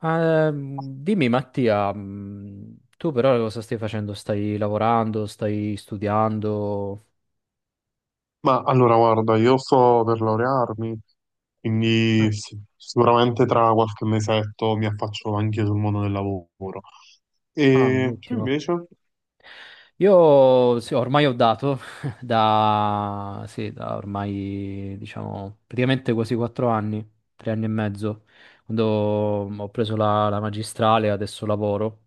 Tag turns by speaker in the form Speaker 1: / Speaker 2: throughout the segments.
Speaker 1: Ah, dimmi Mattia, tu però cosa stai facendo? Stai lavorando? Stai studiando?
Speaker 2: Ma allora, guarda, io sto per laurearmi, quindi
Speaker 1: Ah,
Speaker 2: sì, sicuramente tra qualche mesetto mi affaccio anche sul mondo del lavoro.
Speaker 1: ah,
Speaker 2: E tu
Speaker 1: ottimo.
Speaker 2: invece?
Speaker 1: Io sì, ormai ho dato da ormai diciamo praticamente quasi 4 anni, 3 anni e mezzo, quando ho preso la magistrale, adesso lavoro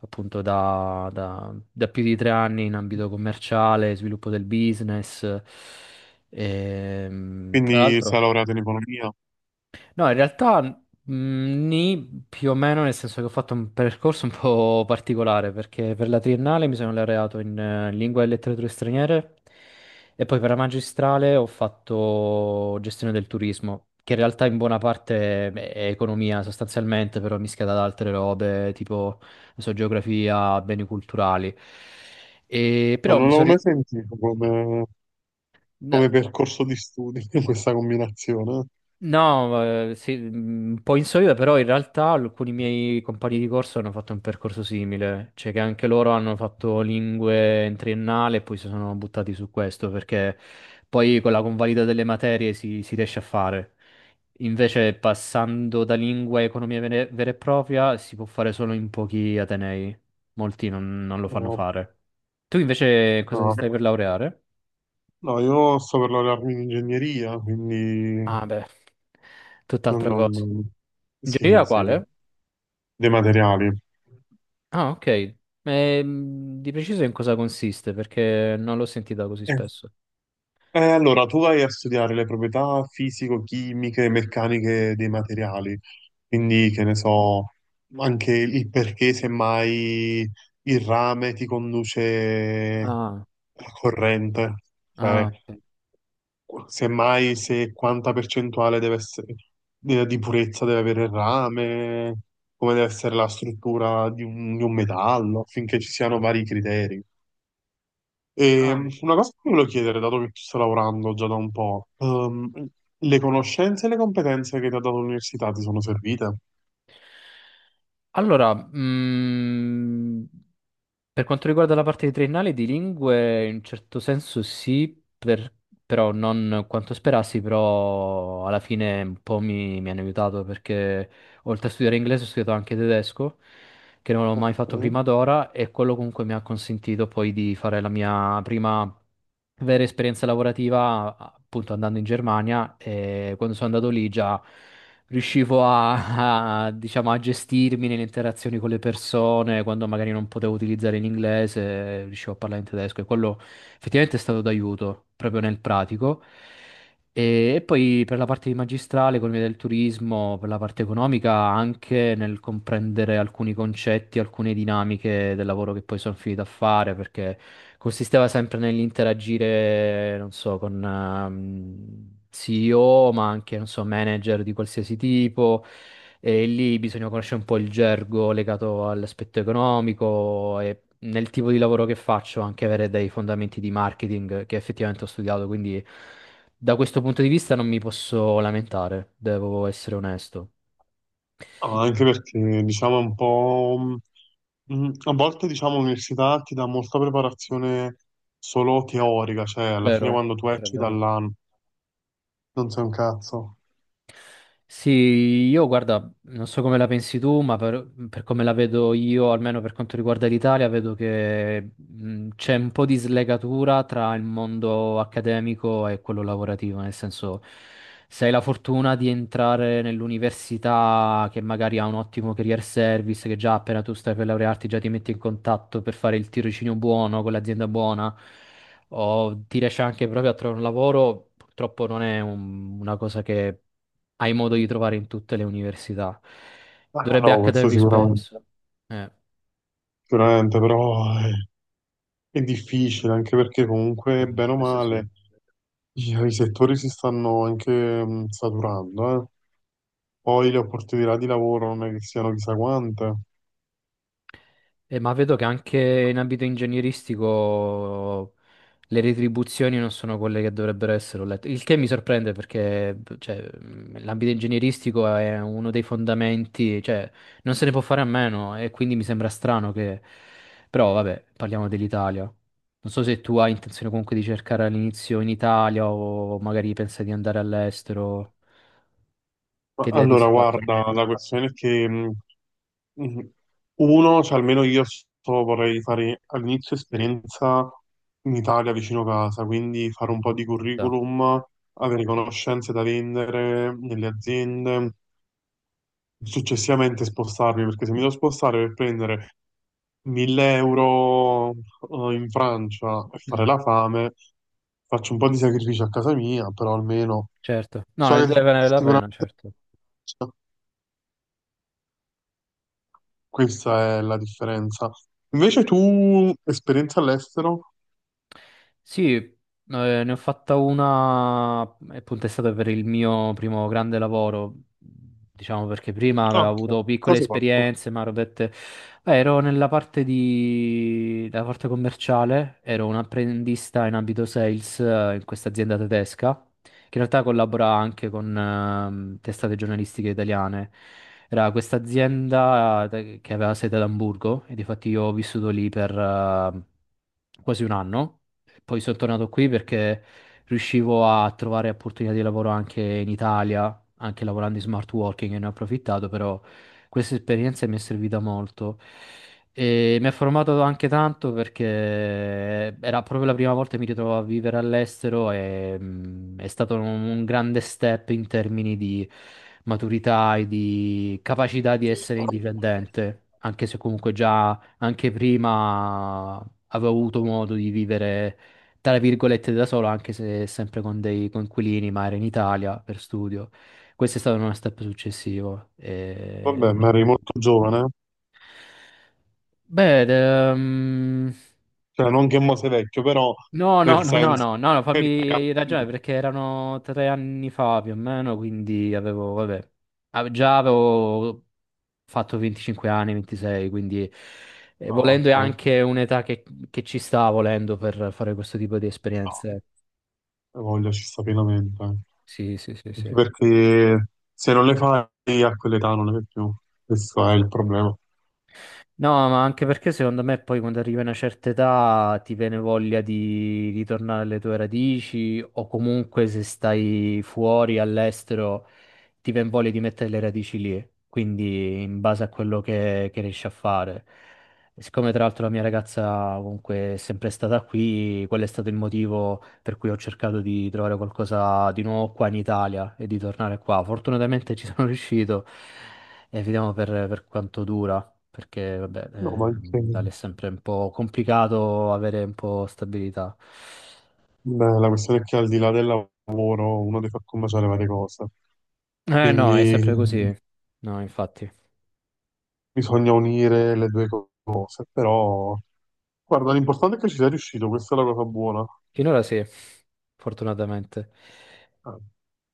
Speaker 1: appunto da più di 3 anni in ambito commerciale, sviluppo del business. Tra
Speaker 2: Quindi sei
Speaker 1: l'altro.
Speaker 2: laureato in economia?
Speaker 1: No, in realtà nì, più o meno, nel senso che ho fatto un percorso un po' particolare, perché per la triennale mi sono laureato in lingua e letterature straniere e poi per la magistrale ho fatto gestione del turismo, che in realtà in buona parte è economia sostanzialmente, però mischiata ad altre robe, tipo, non so, geografia, beni culturali. E
Speaker 2: No,
Speaker 1: però
Speaker 2: non
Speaker 1: mi
Speaker 2: l'avevo
Speaker 1: sono...
Speaker 2: mai sentito come,
Speaker 1: ri-
Speaker 2: come percorso di studi questa combinazione.
Speaker 1: No, sì, un po' insolito, però in realtà alcuni miei compagni di corso hanno fatto un percorso simile, cioè che anche loro hanno fatto lingue in triennale e poi si sono buttati su questo, perché poi con la convalida delle materie si riesce a fare. Invece passando da lingua a economia vera e propria si può fare solo in pochi atenei, molti non lo fanno
Speaker 2: No,
Speaker 1: fare. Tu invece cosa ti
Speaker 2: no.
Speaker 1: stai per laureare?
Speaker 2: No, io sto per laurearmi in ingegneria, quindi
Speaker 1: Ah, beh,
Speaker 2: non,
Speaker 1: tutt'altra cosa.
Speaker 2: non- sì,
Speaker 1: Ingegneria
Speaker 2: sì,
Speaker 1: quale?
Speaker 2: dei materiali.
Speaker 1: Ah, ok. Di preciso in cosa consiste? Perché non l'ho sentita così
Speaker 2: Eh,
Speaker 1: spesso.
Speaker 2: allora, tu vai a studiare le proprietà fisico-chimiche e
Speaker 1: Mm.
Speaker 2: meccaniche dei materiali, quindi che ne so, anche il perché semmai il rame ti conduce
Speaker 1: Ah,
Speaker 2: la corrente,
Speaker 1: ah,
Speaker 2: cioè
Speaker 1: ok.
Speaker 2: semmai se quanta percentuale deve essere, di purezza deve avere il rame, come deve essere la struttura di un metallo, affinché ci siano vari criteri.
Speaker 1: Ah.
Speaker 2: Una cosa che ti volevo chiedere, dato che tu stai lavorando già da un po', le conoscenze e le competenze che ti ha dato l'università ti sono servite?
Speaker 1: Allora, per quanto riguarda la parte di triennale di lingue, in un certo senso sì, però non quanto sperassi, però alla fine un po' mi hanno aiutato perché oltre a studiare inglese ho studiato anche tedesco, che non l'ho mai fatto
Speaker 2: Mm.
Speaker 1: prima d'ora e quello comunque mi ha consentito poi di fare la mia prima vera esperienza lavorativa appunto andando in Germania, e quando sono andato lì già riuscivo a, diciamo, a gestirmi nelle interazioni con le persone, quando magari non potevo utilizzare l'inglese, riuscivo a parlare in tedesco e quello effettivamente è stato d'aiuto proprio nel pratico. E poi per la parte di magistrale, economia del turismo, per la parte economica, anche nel comprendere alcuni concetti, alcune dinamiche del lavoro che poi sono finito a fare, perché consisteva sempre nell'interagire, non so, con CEO, ma anche, non so, manager di qualsiasi tipo. E lì bisogna conoscere un po' il gergo legato all'aspetto economico, e nel tipo di lavoro che faccio anche avere dei fondamenti di marketing che effettivamente ho studiato, quindi. Da questo punto di vista non mi posso lamentare, devo essere onesto.
Speaker 2: Ah, anche perché, diciamo, è un po', a volte, diciamo, l'università ti dà molta preparazione solo teorica, cioè alla fine
Speaker 1: Vero,
Speaker 2: quando tu
Speaker 1: però è
Speaker 2: esci
Speaker 1: vero.
Speaker 2: dall'anno non sei un cazzo.
Speaker 1: Sì, io guarda, non so come la pensi tu, ma per come la vedo io, almeno per quanto riguarda l'Italia, vedo che c'è un po' di slegatura tra il mondo accademico e quello lavorativo, nel senso, se hai la fortuna di entrare nell'università che magari ha un ottimo career service, che già appena tu stai per laurearti già ti metti in contatto per fare il tirocinio buono con l'azienda buona, o ti riesci anche proprio a trovare un lavoro, purtroppo non è una cosa che hai modo di trovare in tutte le università.
Speaker 2: Ah
Speaker 1: Dovrebbe
Speaker 2: no,
Speaker 1: accadere
Speaker 2: questo
Speaker 1: più
Speaker 2: sicuramente,
Speaker 1: spesso. Eh,
Speaker 2: sicuramente, però è difficile anche perché
Speaker 1: eh,
Speaker 2: comunque, bene o
Speaker 1: questo sì.
Speaker 2: male, i settori si stanno anche saturando, eh. Poi le opportunità di lavoro non è che siano chissà quante.
Speaker 1: Ma vedo che anche in ambito ingegneristico le retribuzioni non sono quelle che dovrebbero essere, ho letto. Il che mi sorprende perché, cioè, l'ambito ingegneristico è uno dei fondamenti, cioè, non se ne può fare a meno e quindi mi sembra strano che... Però, vabbè, parliamo dell'Italia. Non so se tu hai intenzione comunque di cercare all'inizio in Italia o magari pensa di andare all'estero. Che
Speaker 2: Ma
Speaker 1: idea ti
Speaker 2: allora,
Speaker 1: sei fatto?
Speaker 2: guarda, la questione è che mh, uno, cioè almeno io vorrei fare all'inizio esperienza in Italia vicino casa, quindi fare un po' di
Speaker 1: Da.
Speaker 2: curriculum, avere conoscenze da vendere nelle aziende. Successivamente spostarmi, perché se mi devo spostare per prendere 1000 euro, in Francia e fare
Speaker 1: Mhm.
Speaker 2: la fame, faccio un po' di sacrifici a casa mia, però almeno
Speaker 1: Certo. No,
Speaker 2: so
Speaker 1: ne
Speaker 2: che
Speaker 1: deve valere la pena,
Speaker 2: sicuramente
Speaker 1: certo.
Speaker 2: questa è la differenza. Invece tu, esperienza all'estero?
Speaker 1: Sì, ne ho fatta una, appunto è stato per il mio primo grande lavoro, diciamo, perché prima
Speaker 2: Ah,
Speaker 1: avevo
Speaker 2: ok,
Speaker 1: avuto piccole
Speaker 2: cosa hai fatto?
Speaker 1: esperienze, ma ero, dette- Beh, ero della parte commerciale, ero un apprendista in ambito sales in questa azienda tedesca, che in realtà collabora anche con testate giornalistiche italiane. Era questa azienda che aveva sede ad Amburgo, e difatti io ho vissuto lì per quasi un anno. Poi sono tornato qui perché riuscivo a trovare opportunità di lavoro anche in Italia, anche lavorando in smart working, e ne ho approfittato, però questa esperienza mi è servita molto. E mi ha formato anche tanto, perché era proprio la prima volta che mi ritrovo a vivere all'estero, e è stato un grande step in termini di maturità e di capacità di essere indipendente, anche se comunque già anche prima avevo avuto modo di vivere tra virgolette da solo, anche se sempre con dei coinquilini, ma era in Italia per studio. Questo è stato uno step successivo. E...
Speaker 2: Vabbè, ma eri molto giovane,
Speaker 1: Beh, ed,
Speaker 2: cioè non che mo sei vecchio, però
Speaker 1: no, no,
Speaker 2: nel
Speaker 1: no, no,
Speaker 2: senso
Speaker 1: no, no, no,
Speaker 2: che eri
Speaker 1: fammi
Speaker 2: ragazzi.
Speaker 1: ragionare, perché erano 3 anni fa più o meno, quindi avevo, vabbè, già avevo fatto 25 anni, 26, quindi
Speaker 2: Ah,
Speaker 1: volendo è
Speaker 2: ok,
Speaker 1: anche un'età che ci sta volendo per fare questo tipo di esperienze.
Speaker 2: no, voglia ci sta pienamente. Eh.
Speaker 1: Sì, sì, sì,
Speaker 2: Anche
Speaker 1: sì.
Speaker 2: perché se non le fai a quell'età non ne fai più, questo è il problema.
Speaker 1: No, ma anche perché secondo me poi quando arrivi a una certa età ti viene voglia di ritornare alle tue radici, o comunque se stai fuori all'estero ti viene voglia di mettere le radici lì, quindi in base a quello che riesci a fare. E siccome tra l'altro la mia ragazza comunque è sempre stata qui, quello è stato il motivo per cui ho cercato di trovare qualcosa di nuovo qua in Italia e di tornare qua. Fortunatamente ci sono riuscito, e vediamo per quanto dura, perché vabbè,
Speaker 2: No, ma anche
Speaker 1: in Italia è sempre un po' complicato avere un po' stabilità.
Speaker 2: beh, la questione è che al di là del lavoro uno deve far combaciare varie cose,
Speaker 1: Eh no, è
Speaker 2: quindi
Speaker 1: sempre così. No, infatti.
Speaker 2: bisogna unire le due cose, però guarda, l'importante è che ci sei riuscito, questa è la cosa buona.
Speaker 1: Finora sì, fortunatamente.
Speaker 2: Ah.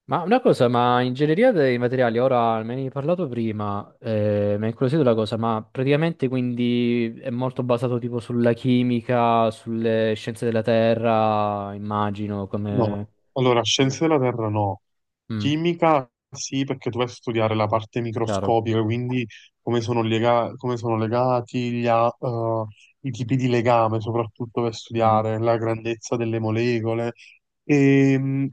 Speaker 1: Ma una cosa, ma ingegneria dei materiali, ora me ne hai parlato prima, mi ha incuriosito la cosa, ma praticamente quindi è molto basato tipo sulla chimica, sulle scienze della terra, immagino, come...
Speaker 2: No, allora
Speaker 1: Come-
Speaker 2: scienze della Terra no,
Speaker 1: Mm,
Speaker 2: chimica sì perché tu vai a studiare la parte
Speaker 1: chiaro.
Speaker 2: microscopica, quindi come sono legati i tipi di legame, soprattutto per
Speaker 1: Mm.
Speaker 2: studiare la grandezza delle molecole. E,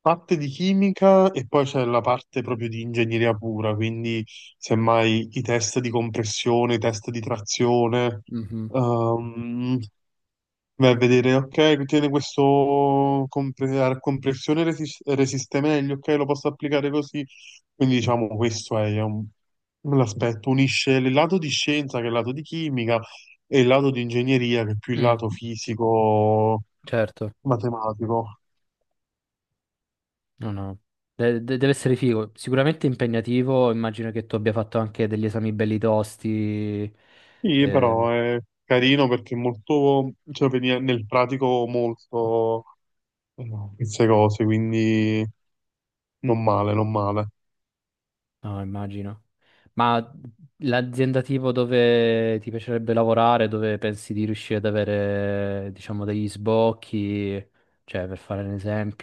Speaker 2: parte di chimica e poi c'è la parte proprio di ingegneria pura, quindi semmai i test di compressione, i test di trazione.
Speaker 1: Mm. Mhm.
Speaker 2: ehm, Vai a vedere, ok, tiene questo a compressione resiste meglio, ok, lo posso applicare così. Quindi diciamo questo è l'aspetto, unisce il lato di scienza che è il lato di chimica e il lato di ingegneria che è più il
Speaker 1: Mm,
Speaker 2: lato fisico,
Speaker 1: certo,
Speaker 2: matematico.
Speaker 1: no, no. Deve essere figo, sicuramente impegnativo, immagino che tu abbia fatto anche degli esami belli tosti.
Speaker 2: Sì,
Speaker 1: eh,
Speaker 2: però è carino perché è molto, cioè veniva nel pratico molto eh, queste cose, quindi non male, non male.
Speaker 1: No, immagino. Ma l'azienda tipo dove ti piacerebbe lavorare, dove pensi di riuscire ad avere, diciamo, degli sbocchi, cioè per fare un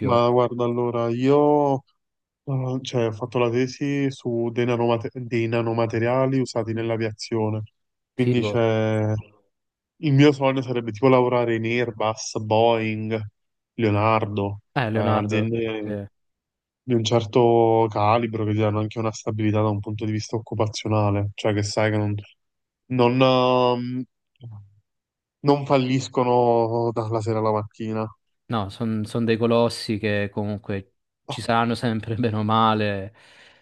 Speaker 2: Ma guarda, allora, io cioè, ho fatto la tesi su dei nanomateriali usati
Speaker 1: Mm.
Speaker 2: nell'aviazione. Quindi
Speaker 1: Figo.
Speaker 2: c'è. Il mio sogno sarebbe tipo lavorare in Airbus, Boeing, Leonardo,
Speaker 1: Leonardo,
Speaker 2: aziende
Speaker 1: sì.
Speaker 2: di un certo calibro che ti danno anche una stabilità da un punto di vista occupazionale, cioè che sai che non, ehm, non falliscono dalla sera alla mattina.
Speaker 1: No, sono dei colossi che comunque
Speaker 2: Ah,
Speaker 1: ci saranno sempre bene o male.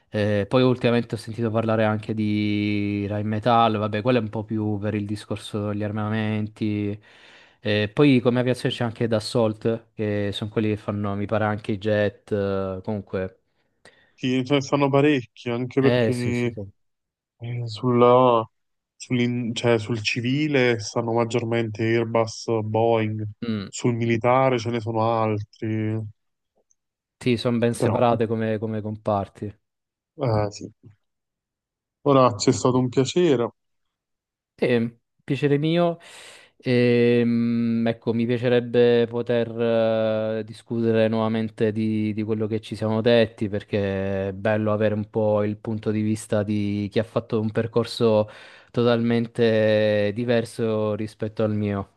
Speaker 1: Poi ultimamente ho sentito parlare anche di Rheinmetall, vabbè, quello è un po' più per il discorso degli armamenti. Poi come aviazione c'è anche Dassault, che sono quelli che fanno, mi pare, anche i jet, comunque.
Speaker 2: sì, ce ne stanno parecchi, anche
Speaker 1: Eh sì, sì,
Speaker 2: perché.
Speaker 1: sì.
Speaker 2: Eh, Sulla, cioè, sul civile stanno maggiormente Airbus, Boeing,
Speaker 1: Mm,
Speaker 2: sul militare ce ne sono altri,
Speaker 1: sì, sono ben
Speaker 2: però
Speaker 1: separate come comparti.
Speaker 2: sì. Ora, c'è stato un piacere,
Speaker 1: Sì, piacere mio. Ecco, mi piacerebbe poter discutere nuovamente di quello che ci siamo detti, perché è bello avere un po' il punto di vista di chi ha fatto un percorso totalmente diverso rispetto al mio.